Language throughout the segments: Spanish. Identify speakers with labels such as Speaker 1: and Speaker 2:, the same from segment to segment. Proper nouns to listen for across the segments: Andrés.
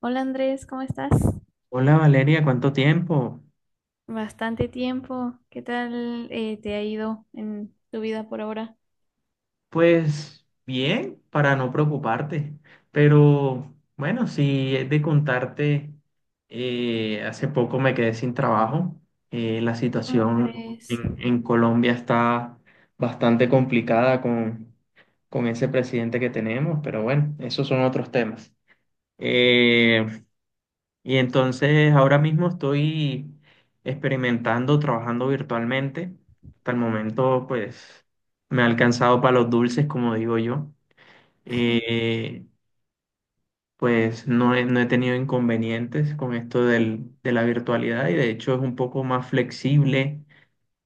Speaker 1: Hola Andrés, ¿cómo estás?
Speaker 2: Hola Valeria, ¿cuánto tiempo?
Speaker 1: Bastante tiempo. ¿Qué tal te ha ido en tu vida por ahora?
Speaker 2: Pues bien, para no preocuparte, pero bueno, si es de contarte, hace poco me quedé sin trabajo. La
Speaker 1: ¿Cómo
Speaker 2: situación
Speaker 1: crees?
Speaker 2: en Colombia está bastante complicada con ese presidente que tenemos, pero bueno, esos son otros temas. Eh, Y entonces ahora mismo estoy experimentando, trabajando virtualmente. Hasta el momento, pues, me ha alcanzado para los dulces, como digo yo. Eh, pues no he tenido inconvenientes con esto de la virtualidad y de hecho es un poco más flexible.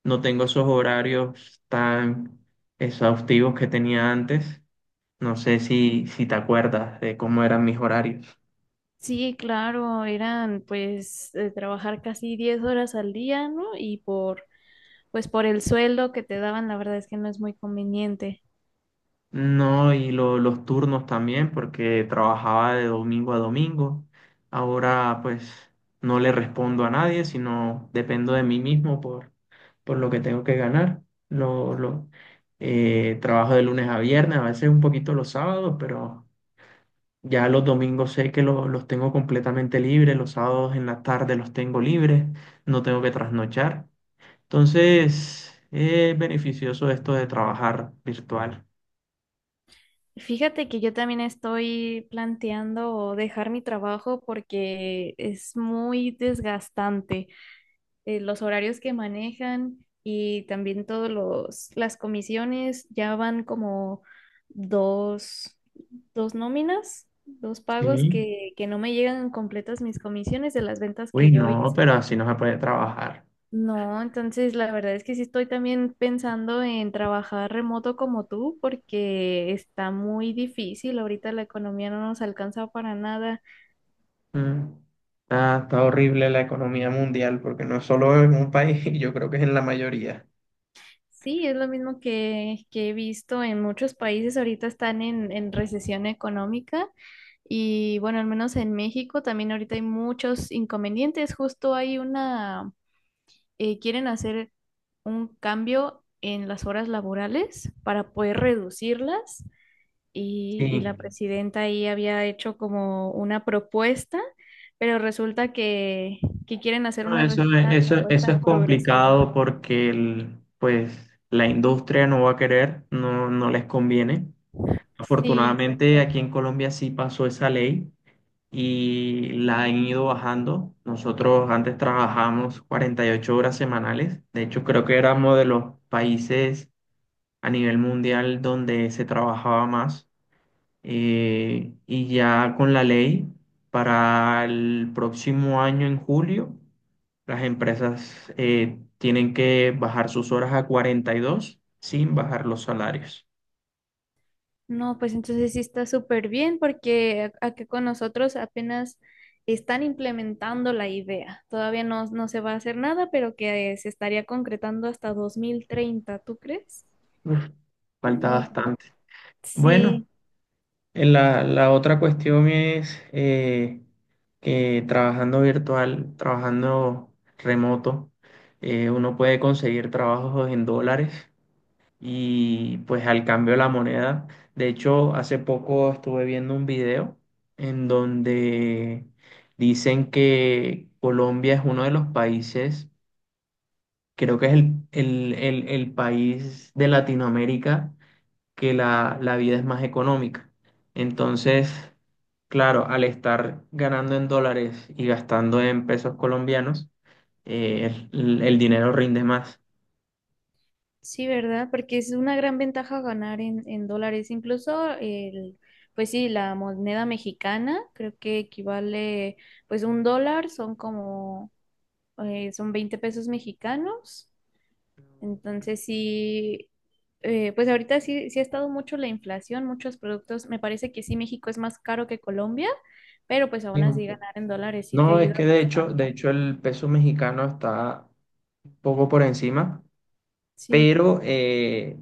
Speaker 2: No tengo esos horarios tan exhaustivos que tenía antes. No sé si te acuerdas de cómo eran mis horarios.
Speaker 1: Sí, claro, eran pues trabajar casi 10 horas al día, ¿no? Y por el sueldo que te daban, la verdad es que no es muy conveniente.
Speaker 2: No, y los turnos también, porque trabajaba de domingo a domingo. Ahora pues no le respondo a nadie, sino dependo de mí mismo por lo que tengo que ganar. Lo, lo, Trabajo de lunes a viernes, a veces un poquito los sábados, pero ya los domingos sé que los tengo completamente libres, los sábados en la tarde los tengo libres, no tengo que trasnochar. Entonces, es beneficioso esto de trabajar virtual.
Speaker 1: Fíjate que yo también estoy planteando dejar mi trabajo porque es muy desgastante. Los horarios que manejan y también las comisiones ya van como dos, dos nóminas, dos pagos
Speaker 2: Sí.
Speaker 1: que no me llegan completas mis comisiones de las ventas que
Speaker 2: Uy,
Speaker 1: yo
Speaker 2: no,
Speaker 1: hice.
Speaker 2: pero así no se puede trabajar.
Speaker 1: No, entonces la verdad es que sí estoy también pensando en trabajar remoto como tú, porque está muy difícil. Ahorita la economía no nos alcanza para nada.
Speaker 2: Mm. Está horrible la economía mundial, porque no es solo en un país, yo creo que es en la mayoría.
Speaker 1: Sí, es lo mismo que he visto en muchos países. Ahorita están en recesión económica y bueno, al menos en México también ahorita hay muchos inconvenientes. Justo hay una, quieren hacer un cambio en las horas laborales para poder reducirlas
Speaker 2: Sí.
Speaker 1: y la presidenta ahí había hecho como una propuesta, pero resulta que quieren hacer
Speaker 2: No, eso, es-
Speaker 1: una
Speaker 2: eso, eso
Speaker 1: propuesta
Speaker 2: es
Speaker 1: progresiva.
Speaker 2: complicado porque pues, la industria no va a querer, no les conviene.
Speaker 1: Sí,
Speaker 2: Afortunadamente
Speaker 1: exacto.
Speaker 2: aquí en Colombia sí pasó esa ley y la han ido bajando. Nosotros antes trabajamos 48 horas semanales. De hecho, creo que éramos de los países a nivel mundial donde se trabajaba más, y ya con la ley para el próximo año en julio las empresas tienen que bajar sus horas a 42 sin bajar los salarios.
Speaker 1: No, pues entonces sí está súper bien porque acá con nosotros apenas están implementando la idea. Todavía no se va a hacer nada, pero que se estaría concretando hasta 2030, ¿tú crees?
Speaker 2: Uf, falta
Speaker 1: No,
Speaker 2: bastante. Bueno,
Speaker 1: sí,
Speaker 2: en la otra cuestión es que trabajando virtual, trabajando remoto, uno puede conseguir trabajos en dólares y pues al cambio de la moneda. De hecho, hace poco estuve viendo un video en donde dicen que Colombia es uno de los países, creo que es el país de Latinoamérica que la vida es más económica. Entonces, claro, al estar ganando en dólares y gastando en pesos colombianos, el dinero rinde más.
Speaker 1: sí, ¿verdad? Porque es una gran ventaja ganar en dólares. Incluso el, pues sí, la moneda mexicana creo que equivale, pues un dólar son como, son 20 pesos mexicanos. Entonces sí, pues ahorita sí, sí ha estado mucho la inflación, muchos productos. Me parece que sí, México es más caro que Colombia, pero pues aún
Speaker 2: Sí.
Speaker 1: así ganar en dólares sí te
Speaker 2: No, es
Speaker 1: ayuda
Speaker 2: que de hecho, de
Speaker 1: bastante.
Speaker 2: hecho el peso mexicano está poco por encima,
Speaker 1: Sí,
Speaker 2: pero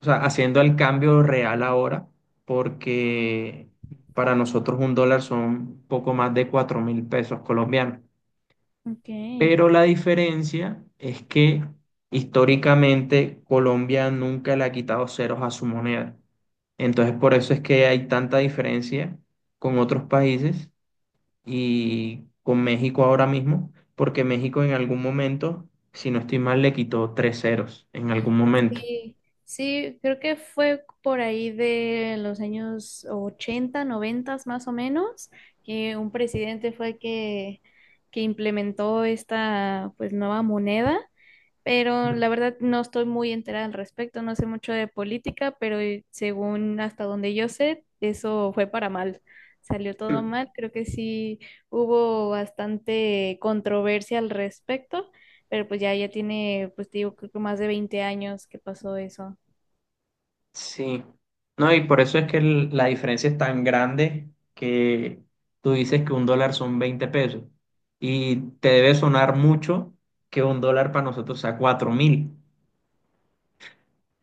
Speaker 2: o sea, haciendo el cambio real ahora, porque para nosotros un dólar son poco más de 4.000 pesos colombianos.
Speaker 1: ok.
Speaker 2: Pero la diferencia es que históricamente Colombia nunca le ha quitado ceros a su moneda. Entonces, por eso es que hay tanta diferencia con otros países y con México ahora mismo, porque México en algún momento, si no estoy mal, le quitó tres ceros en algún momento.
Speaker 1: Sí, sí, creo que fue por ahí de los años ochenta, 90 más o menos, que un presidente fue que implementó esta pues nueva moneda, pero
Speaker 2: Mm.
Speaker 1: la verdad no estoy muy enterada al respecto, no sé mucho de política, pero según hasta donde yo sé, eso fue para mal. Salió todo
Speaker 2: Mm.
Speaker 1: mal, creo que sí hubo bastante controversia al respecto, pero pues ya, ya tiene, pues te digo, creo que más de 20 años que pasó eso.
Speaker 2: Sí, no, y por eso es que la diferencia es tan grande que tú dices que un dólar son 20 pesos y te debe sonar mucho que un dólar para nosotros sea 4.000,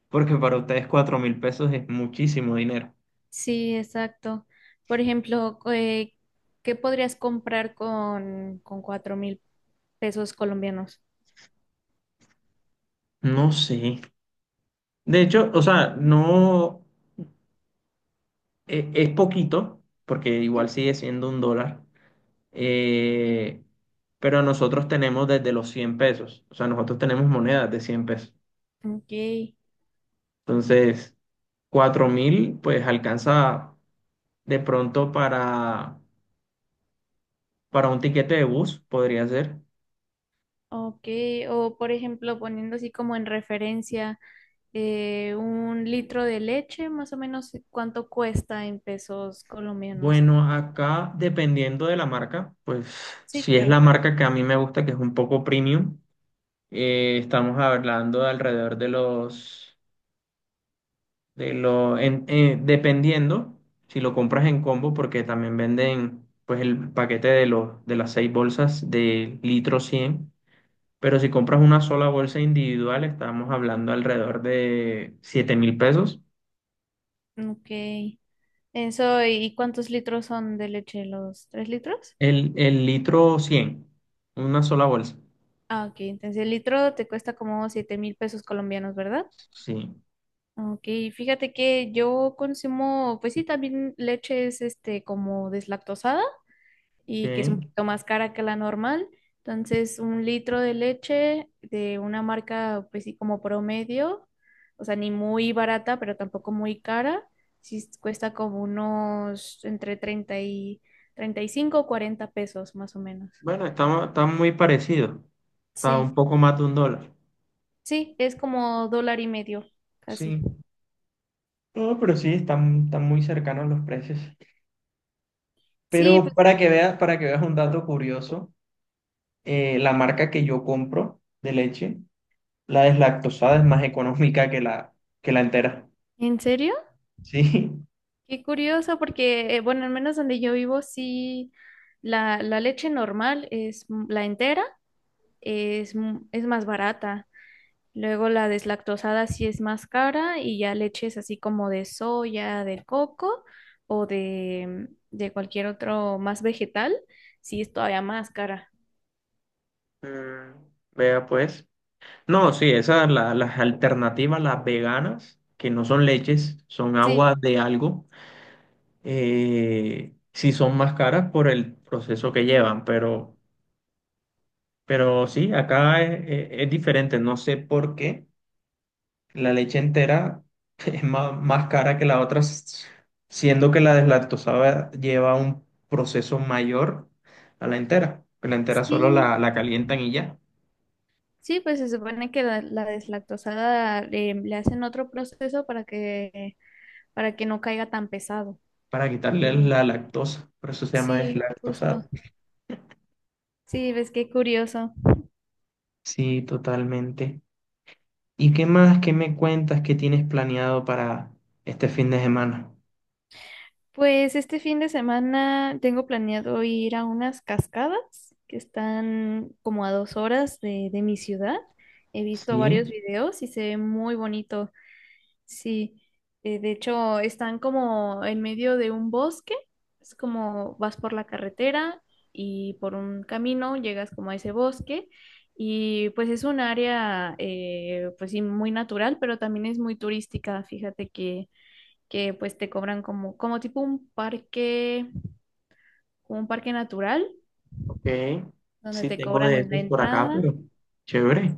Speaker 2: porque para ustedes 4.000 pesos es muchísimo dinero.
Speaker 1: Sí, exacto. Por ejemplo, ¿qué podrías comprar con 4000 pesos colombianos?
Speaker 2: No sé. De hecho, o sea, no. Es poquito, porque igual
Speaker 1: Sí.
Speaker 2: sigue siendo un dólar, eh, pero nosotros tenemos desde los 100 pesos, o sea, nosotros tenemos monedas de 100 pesos.
Speaker 1: Ok.
Speaker 2: Entonces, 4.000, pues alcanza de pronto para un tiquete de bus, podría ser.
Speaker 1: Ok, o por ejemplo, poniendo así como en referencia un litro de leche, más o menos cuánto cuesta en pesos colombianos.
Speaker 2: Bueno, acá dependiendo de la marca, pues
Speaker 1: Sí,
Speaker 2: si es
Speaker 1: claro.
Speaker 2: la marca que a mí me gusta, que es un poco premium, estamos hablando de alrededor de los dependiendo si lo compras en combo, porque también venden pues el paquete de las seis bolsas de litro cien, pero si compras una sola bolsa individual, estamos hablando alrededor de 7.000 pesos.
Speaker 1: Ok. Eso, ¿y cuántos litros son de leche? ¿Los tres litros?
Speaker 2: El litro cien, una sola bolsa.
Speaker 1: Ah, ok. Entonces el litro te cuesta como 7000 pesos colombianos, ¿verdad?
Speaker 2: Sí,
Speaker 1: Ok, fíjate que yo consumo, pues sí, también leches este como deslactosada,
Speaker 2: ok.
Speaker 1: y que es un poquito más cara que la normal. Entonces, un litro de leche de una marca, pues sí, como promedio, o sea, ni muy barata, pero tampoco muy cara, sí cuesta como unos entre 30 y 35 o 40 pesos más o menos.
Speaker 2: Bueno, está muy parecido. Está
Speaker 1: Sí,
Speaker 2: un poco más de un dólar.
Speaker 1: sí, es como dólar y medio, casi.
Speaker 2: Sí. No, pero sí, están muy cercanos los precios.
Speaker 1: Sí,
Speaker 2: Pero
Speaker 1: pues,
Speaker 2: para que veas un dato curioso, la marca que yo compro de leche, la deslactosada es más económica que la entera.
Speaker 1: ¿en serio?
Speaker 2: Sí.
Speaker 1: Qué curioso, porque, bueno, al menos donde yo vivo, sí, la leche normal la entera es, es más barata. Luego la deslactosada sí es más cara y ya leches así como de soya, de coco o de, mm, de cualquier otro más vegetal, sí es todavía más cara.
Speaker 2: Mm, vea pues. No, sí, esas las alternativas, las veganas, que no son leches, son
Speaker 1: Sí.
Speaker 2: aguas de algo, sí son más caras por el proceso que llevan, pero, sí, acá es diferente, no sé por qué. La leche entera es más cara que la otra, siendo que la deslactosada lleva un proceso mayor a la entera. Que la entera solo
Speaker 1: Sí,
Speaker 2: la calientan y ya,
Speaker 1: sí, pues se supone que la deslactosada le hacen otro proceso para que no caiga tan pesado.
Speaker 2: para quitarle
Speaker 1: Bien.
Speaker 2: la lactosa. Por eso se llama
Speaker 1: Sí, justo.
Speaker 2: deslactosada.
Speaker 1: Sí, ves qué curioso.
Speaker 2: Sí, totalmente. ¿Y qué más? ¿Qué me cuentas? ¿Qué tienes planeado para este fin de semana?
Speaker 1: Pues este fin de semana tengo planeado ir a unas cascadas que están como a 2 horas de mi ciudad. He visto
Speaker 2: Sí,
Speaker 1: varios videos y se ve muy bonito. Sí, de hecho están como en medio de un bosque. Es como vas por la carretera y por un camino llegas como a ese bosque y pues es un área pues sí muy natural, pero también es muy turística. Fíjate que pues te cobran como, como tipo un parque, como un parque natural,
Speaker 2: ok.
Speaker 1: donde
Speaker 2: Sí,
Speaker 1: te
Speaker 2: tengo
Speaker 1: cobran
Speaker 2: de
Speaker 1: en la
Speaker 2: esos por acá,
Speaker 1: entrada,
Speaker 2: pero chévere.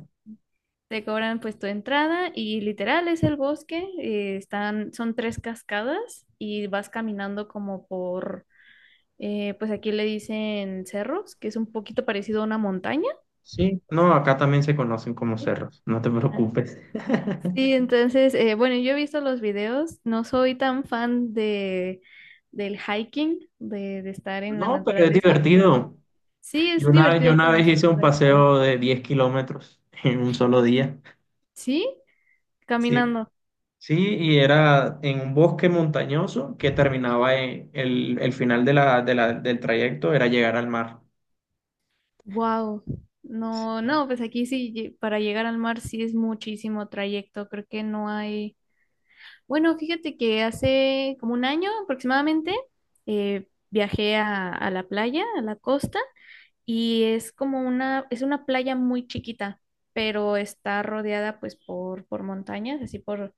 Speaker 1: te cobran pues tu entrada y literal es el bosque, están, son tres cascadas y vas caminando como pues aquí le dicen cerros, que es un poquito parecido a una montaña.
Speaker 2: Sí, no, acá también se conocen como cerros, no te
Speaker 1: Ah,
Speaker 2: preocupes.
Speaker 1: sí, entonces, bueno, yo he visto los videos, no soy tan fan de del hiking, de estar en la
Speaker 2: No, pero es
Speaker 1: naturaleza, pero
Speaker 2: divertido.
Speaker 1: sí es
Speaker 2: Yo
Speaker 1: divertido
Speaker 2: una vez
Speaker 1: conocer
Speaker 2: hice un
Speaker 1: lugares nuevos.
Speaker 2: paseo de 10 km en un solo día.
Speaker 1: Sí,
Speaker 2: Sí.
Speaker 1: caminando.
Speaker 2: Sí, y era en un bosque montañoso que terminaba en el final del trayecto, era llegar al mar.
Speaker 1: Wow. No,
Speaker 2: Sí,
Speaker 1: no, pues aquí sí, para llegar al mar sí es muchísimo trayecto, creo que no hay. Bueno, fíjate que hace como 1 año aproximadamente viajé a la playa, a la costa, y es como una, es una playa muy chiquita, pero está rodeada pues por montañas,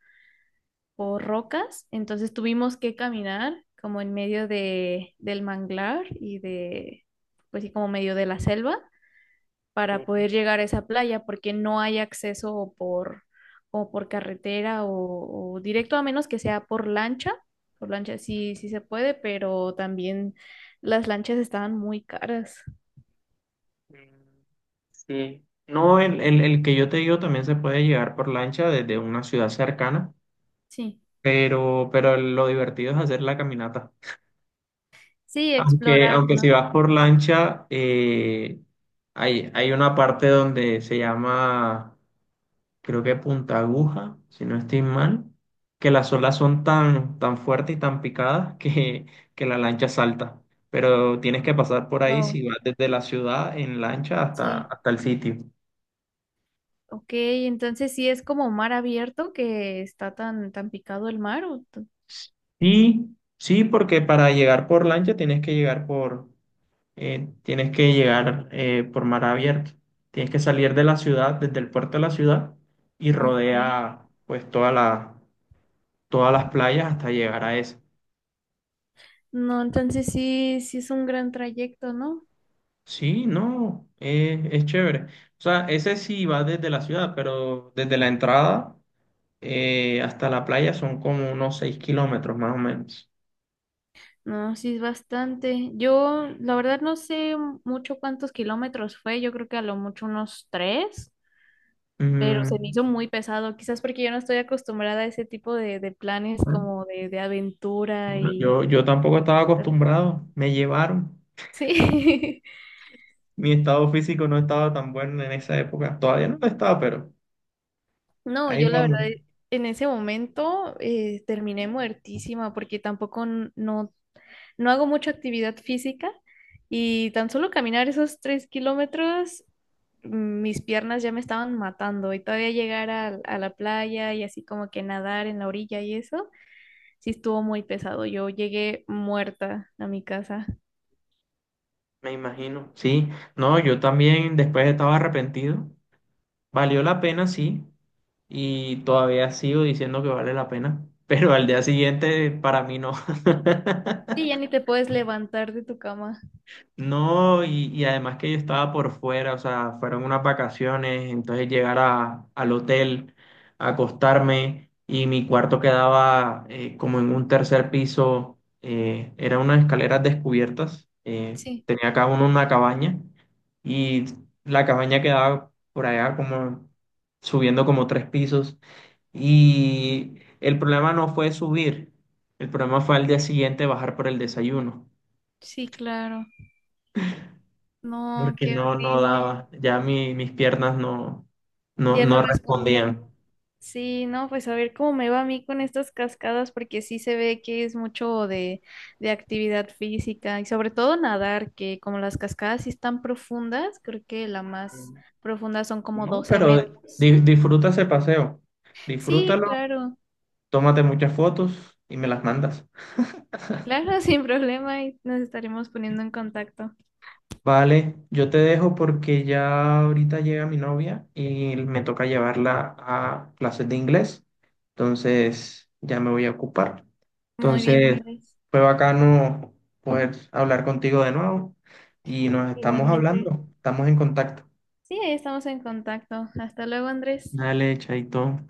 Speaker 1: por rocas, entonces tuvimos que caminar como en medio del manglar y de, pues sí, como medio de la selva para
Speaker 2: sí,
Speaker 1: poder llegar a esa playa porque no hay acceso o por carretera o directo a menos que sea por lancha sí, sí se puede, pero también las lanchas estaban muy caras.
Speaker 2: mm, sí. No, el que yo te digo también se puede llegar por lancha desde una ciudad cercana,
Speaker 1: Sí.
Speaker 2: pero, lo divertido es hacer la caminata.
Speaker 1: Sí,
Speaker 2: Aunque,
Speaker 1: explorar,
Speaker 2: aunque si
Speaker 1: ¿no?
Speaker 2: vas por lancha, hay una parte donde se llama, creo que Punta Aguja, si no estoy mal, que las olas son tan, tan fuertes y tan picadas que la lancha salta. Pero tienes que pasar por ahí
Speaker 1: Wow,
Speaker 2: si vas desde la ciudad en lancha hasta,
Speaker 1: sí.
Speaker 2: hasta el sitio.
Speaker 1: Ok, entonces sí es como mar abierto que está tan picado el mar. ¿O t-
Speaker 2: Sí, sí, porque para llegar por lancha tienes que llegar por mar abierto. Tienes que salir de la ciudad, desde el puerto de la ciudad, y
Speaker 1: ok.
Speaker 2: rodea pues todas las playas hasta llegar a esa.
Speaker 1: No, entonces sí, sí es un gran trayecto, ¿no?
Speaker 2: Sí, no, es chévere. O sea, ese sí va desde la ciudad, pero desde la entrada hasta la playa son como unos 6 km más o menos.
Speaker 1: No, sí es bastante. Yo, la verdad, no sé mucho cuántos kilómetros fue. Yo creo que a lo mucho unos tres, pero se me
Speaker 2: Mm,
Speaker 1: hizo muy pesado, quizás porque yo no estoy acostumbrada a ese tipo de planes
Speaker 2: bueno,
Speaker 1: como de aventura
Speaker 2: bueno,
Speaker 1: y...
Speaker 2: yo tampoco estaba acostumbrado, me llevaron.
Speaker 1: Sí.
Speaker 2: Mi estado físico no estaba tan bueno en esa época. Todavía no lo estaba, pero
Speaker 1: No,
Speaker 2: ahí
Speaker 1: yo la verdad
Speaker 2: vamos.
Speaker 1: en ese momento terminé muertísima porque tampoco no hago mucha actividad física y tan solo caminar esos 3 km, mm, mis piernas ya me estaban matando y todavía llegar a la playa y así como que nadar en la orilla y eso, sí estuvo muy pesado. Yo llegué muerta a mi casa.
Speaker 2: Me imagino, sí. No, yo también después estaba arrepentido. Valió la pena, sí. Y todavía sigo diciendo que vale la pena. Pero al día siguiente, para mí no.
Speaker 1: Sí, ya ni te puedes levantar de tu cama.
Speaker 2: No, y además que yo estaba por fuera, o sea, fueron unas vacaciones, entonces llegar al hotel, acostarme, y mi cuarto quedaba como en un tercer piso, eran unas escaleras descubiertas,
Speaker 1: Sí,
Speaker 2: tenía cada uno una cabaña, y la cabaña quedaba por allá como subiendo como tres pisos, y el problema no fue subir, el problema fue al día siguiente bajar por el desayuno.
Speaker 1: sí, claro. No,
Speaker 2: Porque
Speaker 1: qué
Speaker 2: no
Speaker 1: horrible.
Speaker 2: daba, ya mis piernas no, no,
Speaker 1: Ya no
Speaker 2: no
Speaker 1: respondían.
Speaker 2: respondían.
Speaker 1: Sí, no, pues a ver cómo me va a mí con estas cascadas, porque sí se ve que es mucho de actividad física y sobre todo nadar, que como las cascadas sí están profundas, creo que la más profunda son como
Speaker 2: No,
Speaker 1: 12
Speaker 2: pero
Speaker 1: metros.
Speaker 2: disfruta ese paseo,
Speaker 1: Sí,
Speaker 2: disfrútalo,
Speaker 1: claro,
Speaker 2: tómate muchas fotos y me las mandas.
Speaker 1: claro, sin problema y nos estaremos poniendo en contacto.
Speaker 2: Vale, yo te dejo porque ya ahorita llega mi novia y me toca llevarla a clases de inglés, entonces ya me voy a ocupar.
Speaker 1: Muy bien,
Speaker 2: Entonces
Speaker 1: Andrés.
Speaker 2: fue bacano poder hablar contigo de nuevo, y nos estamos
Speaker 1: Igualmente.
Speaker 2: hablando, estamos en contacto.
Speaker 1: Sí, ahí estamos en contacto. Hasta luego, Andrés.
Speaker 2: Dale, chaito.